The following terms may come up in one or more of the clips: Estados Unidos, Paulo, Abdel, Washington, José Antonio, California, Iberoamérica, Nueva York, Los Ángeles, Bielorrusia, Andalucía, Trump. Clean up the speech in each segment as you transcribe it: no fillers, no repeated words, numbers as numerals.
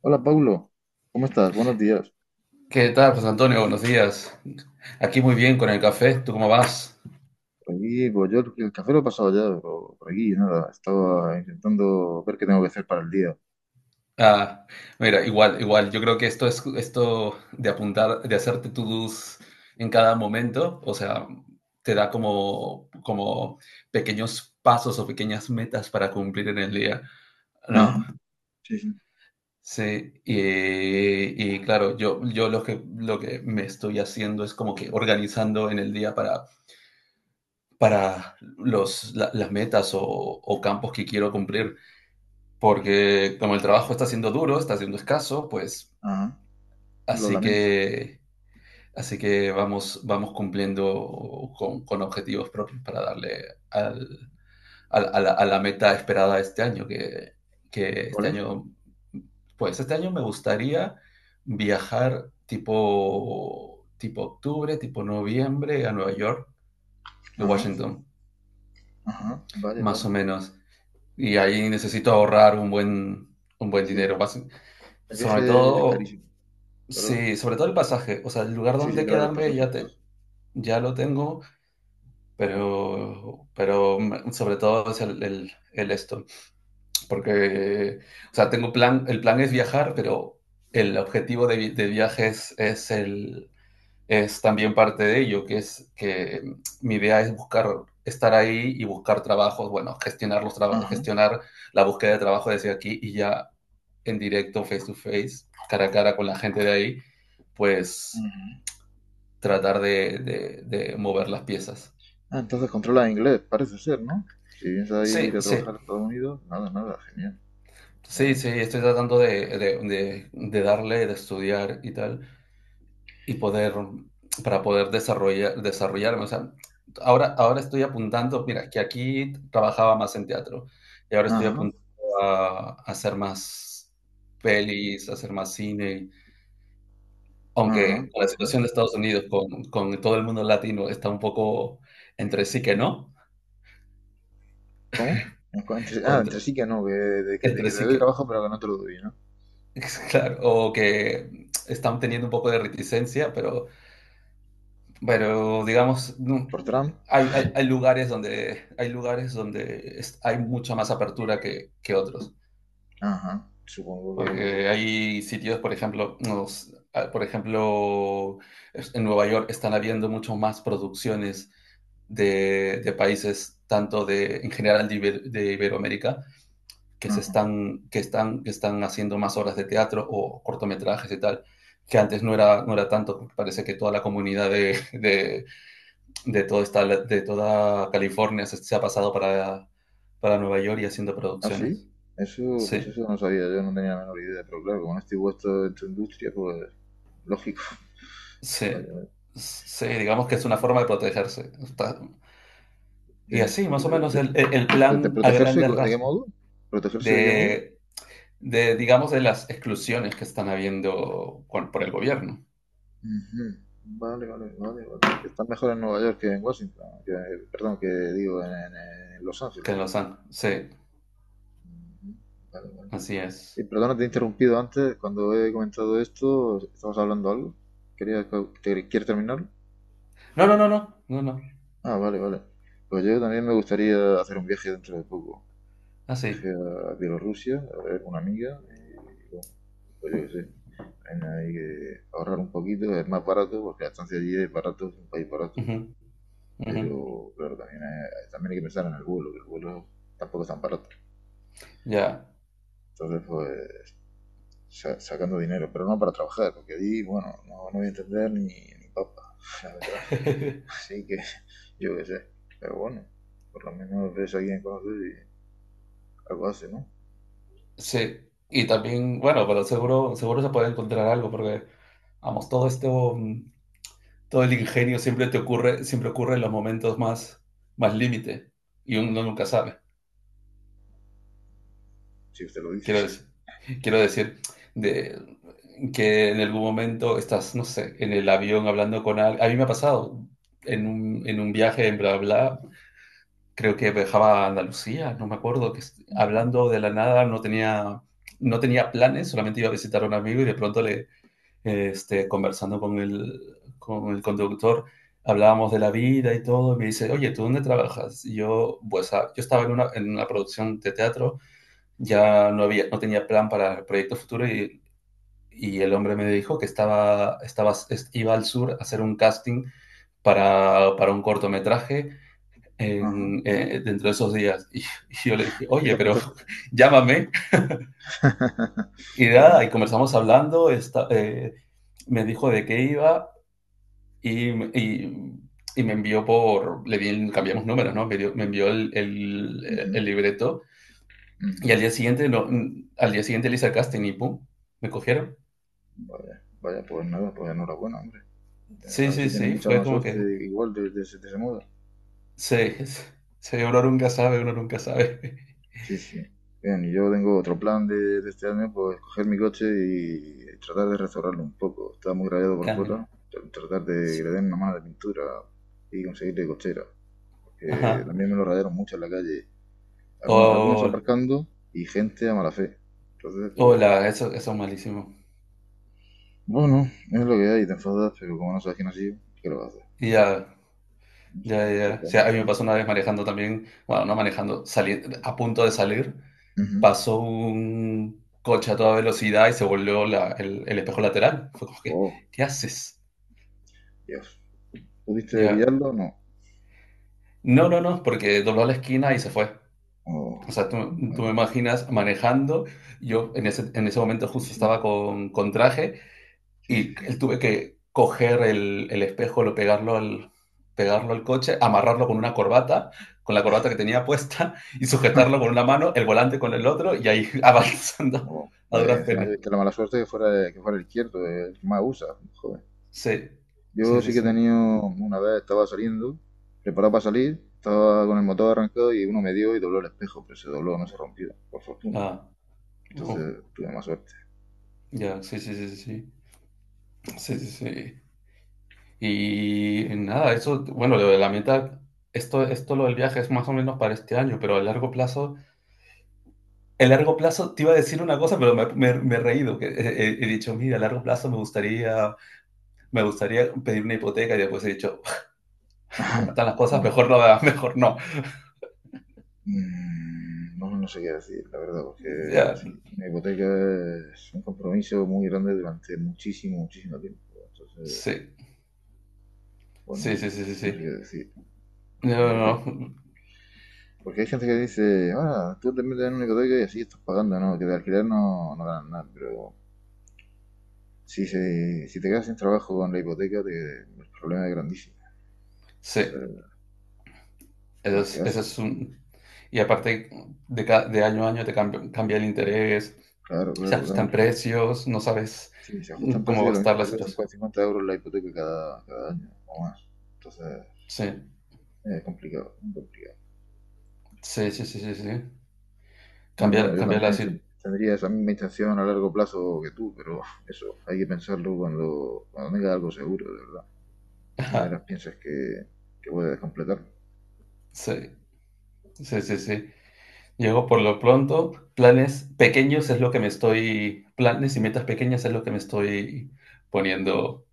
Hola, Paulo. ¿Cómo estás? Buenos días. ¿Qué tal, José Antonio? Buenos días. Aquí muy bien con el café. ¿Tú cómo vas? Por aquí, pues yo el café lo he pasado ya, pero por aquí nada. Estaba intentando ver qué tengo que hacer para el día. Ah, mira, igual. Yo creo que esto es esto de apuntar, de hacerte to-dos en cada momento, o sea, te da como pequeños pasos o pequeñas metas para cumplir en el día, ¿no? Ajá, sí, sí. Sí, y claro, yo lo que me estoy haciendo es como que organizando en el día para las metas o campos que quiero cumplir, porque como el trabajo está siendo duro, está siendo escaso, pues Ajá, lo así lamento. que, así que vamos, vamos cumpliendo con objetivos propios para darle al- a la meta esperada este año, que ¿Cuál este es? año, pues este año me gustaría viajar tipo octubre, tipo noviembre a Nueva York y Ajá, Washington, ajá, vale, más vale. o menos. Y ahí necesito ahorrar un un buen Sí, dinero, el sobre viaje es todo. carísimo, ¿verdad? Sí, sobre todo el pasaje, o sea, el lugar Sí, sí, donde claro, el quedarme pasaje, el ya pasaje. te, ya lo tengo, pero, pero sobre todo es el esto, porque, o sea, tengo plan, el plan es viajar, pero el objetivo de, de viaje es es también parte de ello, que es que mi idea es buscar, estar ahí y buscar trabajos, bueno, gestionar los Ajá, gestionar la búsqueda de trabajo desde aquí y ya en directo, face to face, cara a cara con la gente de ahí, pues ajá. tratar de, de mover las piezas. Ah, entonces controla inglés, parece ser, ¿no? Si piensas Sí, ir a sí, trabajar a Estados Unidos, nada, nada, genial. sí, Eh, sí, estoy tratando de, de darle, de estudiar y tal, y poder, para poder desarrollar, desarrollarme. O sea, ahora, ahora estoy apuntando, mira, que aquí trabajaba más en teatro, y ahora estoy Ajá, apuntando a hacer más pelis, a hacer más cine, ajá, aunque con la ajá. situación de Estados Unidos, con todo el mundo latino, está un poco entre sí que no, ¿Cómo? Entre, ah, entre contra- sí que no, que, de, que, de entre que te sí doy que trabajo pero que no te lo doy, ¿no? es claro, o que están teniendo un poco de reticencia, pero digamos, no, Por Trump. hay, hay lugares donde, hay lugares donde hay mucha más apertura que otros. Ajá. Supongo que. Porque hay sitios, por ejemplo, ah, por ejemplo, en Nueva York están habiendo mucho más producciones de países, tanto de, en general de, de Iberoamérica, que se Ajá. están, que están, que están haciendo más obras de teatro o cortometrajes y tal, que antes no era, no era tanto, porque parece que toda la comunidad de, todo esta, de toda California se ha pasado para Nueva York y haciendo ¿Ah, sí? producciones. Eso, pues Sí, eso no sabía, yo no tenía la menor idea, pero claro, como no estoy puesto en tu industria, pues lógico. sí, Vale, vale. sí, digamos que es una forma de protegerse. Y De, así, más o de- menos, de- el, el de- de plan a protegerse, grandes ¿de qué rasgos modo? ¿Protegerse de qué modo? de, de, digamos, de las exclusiones que están habiendo por el gobierno, Ujú. Vale, vale, vale, vale. Que están mejor en Nueva York que en Washington, que- perdón, que digo en, en Los Ángeles. que los han. Sí, Ujú. Vale, vale. así es. Perdona, te he interrumpido antes. Cuando he comentado esto, ¿estabas hablando algo? ¿Querías, que- te- ¿Quieres terminarlo? No, no, no, no, no, no. Ah, vale, vale. Pues yo también me gustaría hacer un viaje dentro de poco. Así. Viaje a Bielorrusia, a ver con una amiga. Y bueno, pues yo qué sé. También hay que ahorrar un poquito, es más barato, porque la estancia allí es barato, es un país barato. Ujú, ujú. Pero claro, también hay que pensar en el vuelo, que el vuelo tampoco es tan barato. Ya. Entonces, pues sacando dinero, pero no para trabajar, porque ahí, bueno, no, no voy a entender ni, ni papa, la verdad. Así que, yo qué sé. Pero bueno, por lo menos ves a alguien conoces y algo hace, ¿no? Sí. Y también, bueno, pero seguro, seguro se puede encontrar algo, porque vamos, todo esto, todo el ingenio siempre te ocurre, siempre ocurre en los momentos más, más límite. Y uno nunca sabe. Si usted lo dice. Quiero decir, quiero decir, de que en algún momento estás, no sé, en el avión hablando con alguien. A mí me ha pasado en un viaje en bla bla, creo que viajaba a Andalucía, no me acuerdo, que Ujú, hablando de la nada, no tenía, no tenía planes, solamente iba a visitar a un amigo y de pronto este, conversando con el conductor, hablábamos de la vida y todo, y me dice: «Oye, ¿tú dónde trabajas?». Y yo, pues, ah, yo estaba en una producción de teatro, ya no había, no tenía plan para el proyecto futuro y el hombre me dijo que estaba, estaba, iba al sur a hacer un casting para un cortometraje Ajá. en, dentro de esos días. Yo le dije: ¿Y te «Oye, pero apuntaste? llámame». Y nada, Bueno. y comenzamos hablando, me dijo de qué iba y, y, y me envió por, le di, cambiamos números, ¿no? Me dio, me envió el, el, Ujú, el, libreto y al ujú. día siguiente, no, al día siguiente le hice el casting y ¡pum! Me cogieron. Vaya, vaya, pues nada, pues enhorabuena, hombre. A Sí, ver sí, si tienes sí, mucha fue más como suerte que, igual de ese modo. sí, sí, uno nunca sabe, uno nunca sabe. Sí, sí. Bien, y yo tengo otro plan de este año, pues coger mi coche y tratar de restaurarlo un poco. Está muy rayado por Ah, fuera, mira. tr- tratar de que Sí. le den una mano de pintura y conseguirle cochera. Porque Ajá. también me lo rayaron mucho en la calle. Algunos, algunos Oh, aparcando y gente a mala fe. Entonces, pues, hola, eso es malísimo. bueno, es lo que hay, te enfadas, pero como no sabes quién ha sido, ¿qué lo haces? Ya, No sé, no ya, se puede ya. O hacer sea, a mucho mí me más. pasó una vez manejando también, bueno, no manejando, saliendo, a punto de salir, Ujú. pasó un coche a toda velocidad y se volvió el espejo lateral. Fue como que, Oh, ¿qué haces? Dios. ¿Pudiste Ya. pillarlo? O no. No, no, no, porque dobló la esquina y se fue. Oh, O sea, tú vale, me vale. imaginas manejando, yo en ese momento Sí, justo sí, estaba con traje. sí, sí, Y él sí. tuve que coger el espejo, lo pegarlo al coche, amarrarlo con una corbata, con la corbata que tenía puesta, y sujetarlo con una mano, el volante con el otro, y ahí avanzando Oh, a vaya, y duras encima penas. tuviste la mala suerte que fuera el izquierdo, el que más usa. Joder. Sí, Yo sí, sí sí, que he sí. tenido, una vez estaba saliendo, preparado para salir, estaba con el motor arrancado y uno me dio y dobló el espejo, pero se dobló, no se rompió, por fortuna. Ah, uh, Entonces tuve más suerte. ya, sí, sí, sí, sí, sí, sí, sí, sí. Y nada, eso, bueno, lo de la meta, esto lo del viaje es más o menos para este año, pero a largo plazo. El largo plazo te iba a decir una cosa, pero me, me he reído. Que he, he dicho, mira, a largo plazo me gustaría pedir una hipoteca y después he dicho, como están las cosas, Bueno, mejor no, mejor no. mmm, no, no sé qué decir, la verdad, porque Ya, sí, una hipoteca es un compromiso muy grande durante muchísimo, muchísimo tiempo. Entonces, sí, pues no sí, sí, sé, sí, sí, no sé qué sí. decir. No, Eh, no, no, Porque hay gente que dice, ah, tú también te dan un ecotoico y así estás pagando, ¿no? Que de alquiler no, no ganan nada, pero si, se, si te quedas sin trabajo con la hipoteca, te- el problema es grandísimo. sí, Entonces, cosas que eso hacen. es un... Y aparte, de, de año a año te cambia, cambia el interés, Claro, se claro, claro. ajustan precios, no sabes Sí, se ajustan cómo precios va de a lo mismo, estar la te sale situación. 50 50 euros la hipoteca cada, cada año o más. Entonces, Sí, es complicado, muy complicado. sí, sí, sí, sí, sí. No, bueno, Cambiar, yo cambiar la también ten- situación. tendría esa misma intención a largo plazo que tú, pero eso, hay que pensarlo cuando, cuando tengas algo seguro, de verdad. Y de verdad piensas que puedes completar. Sí, sí, sí, sí. Llego por lo pronto, planes pequeños es lo que me estoy, planes y metas pequeñas es lo que me estoy poniendo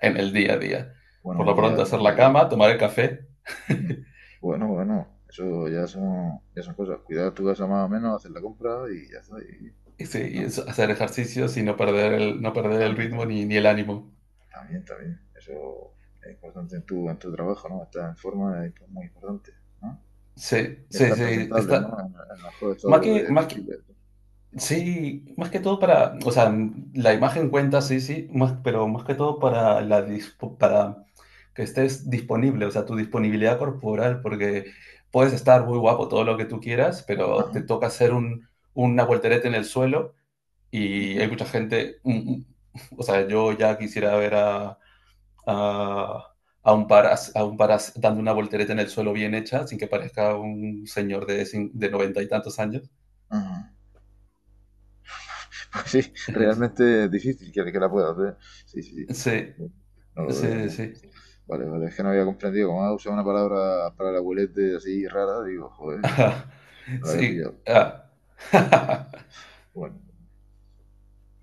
en el día a día. Por Bueno, lo día, pronto, hacer la día a día. cama, tomar el café Ujú. Bueno, bueno, eso ya son cosas. Cuidar tu casa más o menos, hacer la compra y ya está. Y- y sí, y ¿no? Hacer ejercicios y no perder el, no perder el También, ritmo también, ni, ni el ánimo. también, también. Eso es importante en tu trabajo, ¿no? Estar en forma es muy importante, ¿no? Sí, Y sí, estar sí, presentable, ¿no? está. En el mejor Más estado que, de- más que. posible. Sí, más que todo para, o sea, la imagen cuenta, sí, sí, más, pero más que todo para para que estés disponible, o sea, tu disponibilidad corporal, porque puedes estar muy guapo todo lo que tú quieras, pero te Ajá, toca hacer un, una voltereta en el suelo y hay ujú, mucha gente, o sea, yo ya quisiera ver a, a un par, a un par dando una voltereta en el suelo bien hecha, sin que parezca un señor de, de noventa y tantos años. ajá. Pues sí, realmente es difícil que la pueda hacer. Sí, sí, sí. Eso Sí. no no Sí, lo veo, sí. ¿no? Sí. Vale, vale, es que no había comprendido. Como ha usado una palabra para el abuelete así rara, digo, joder. Ajá. No lo había pillado. Sí, ah. Bueno,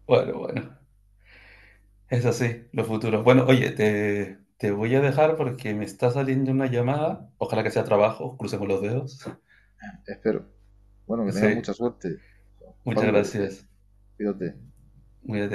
Bueno, bueno, es así, los futuros. Bueno, oye, te voy a dejar porque me está saliendo una llamada. Ojalá que sea trabajo, crucemos los dedos. espero. Bueno, que tengas Sí, mucha suerte. muchas Paulo, que gracias. cuídate. Cuídate.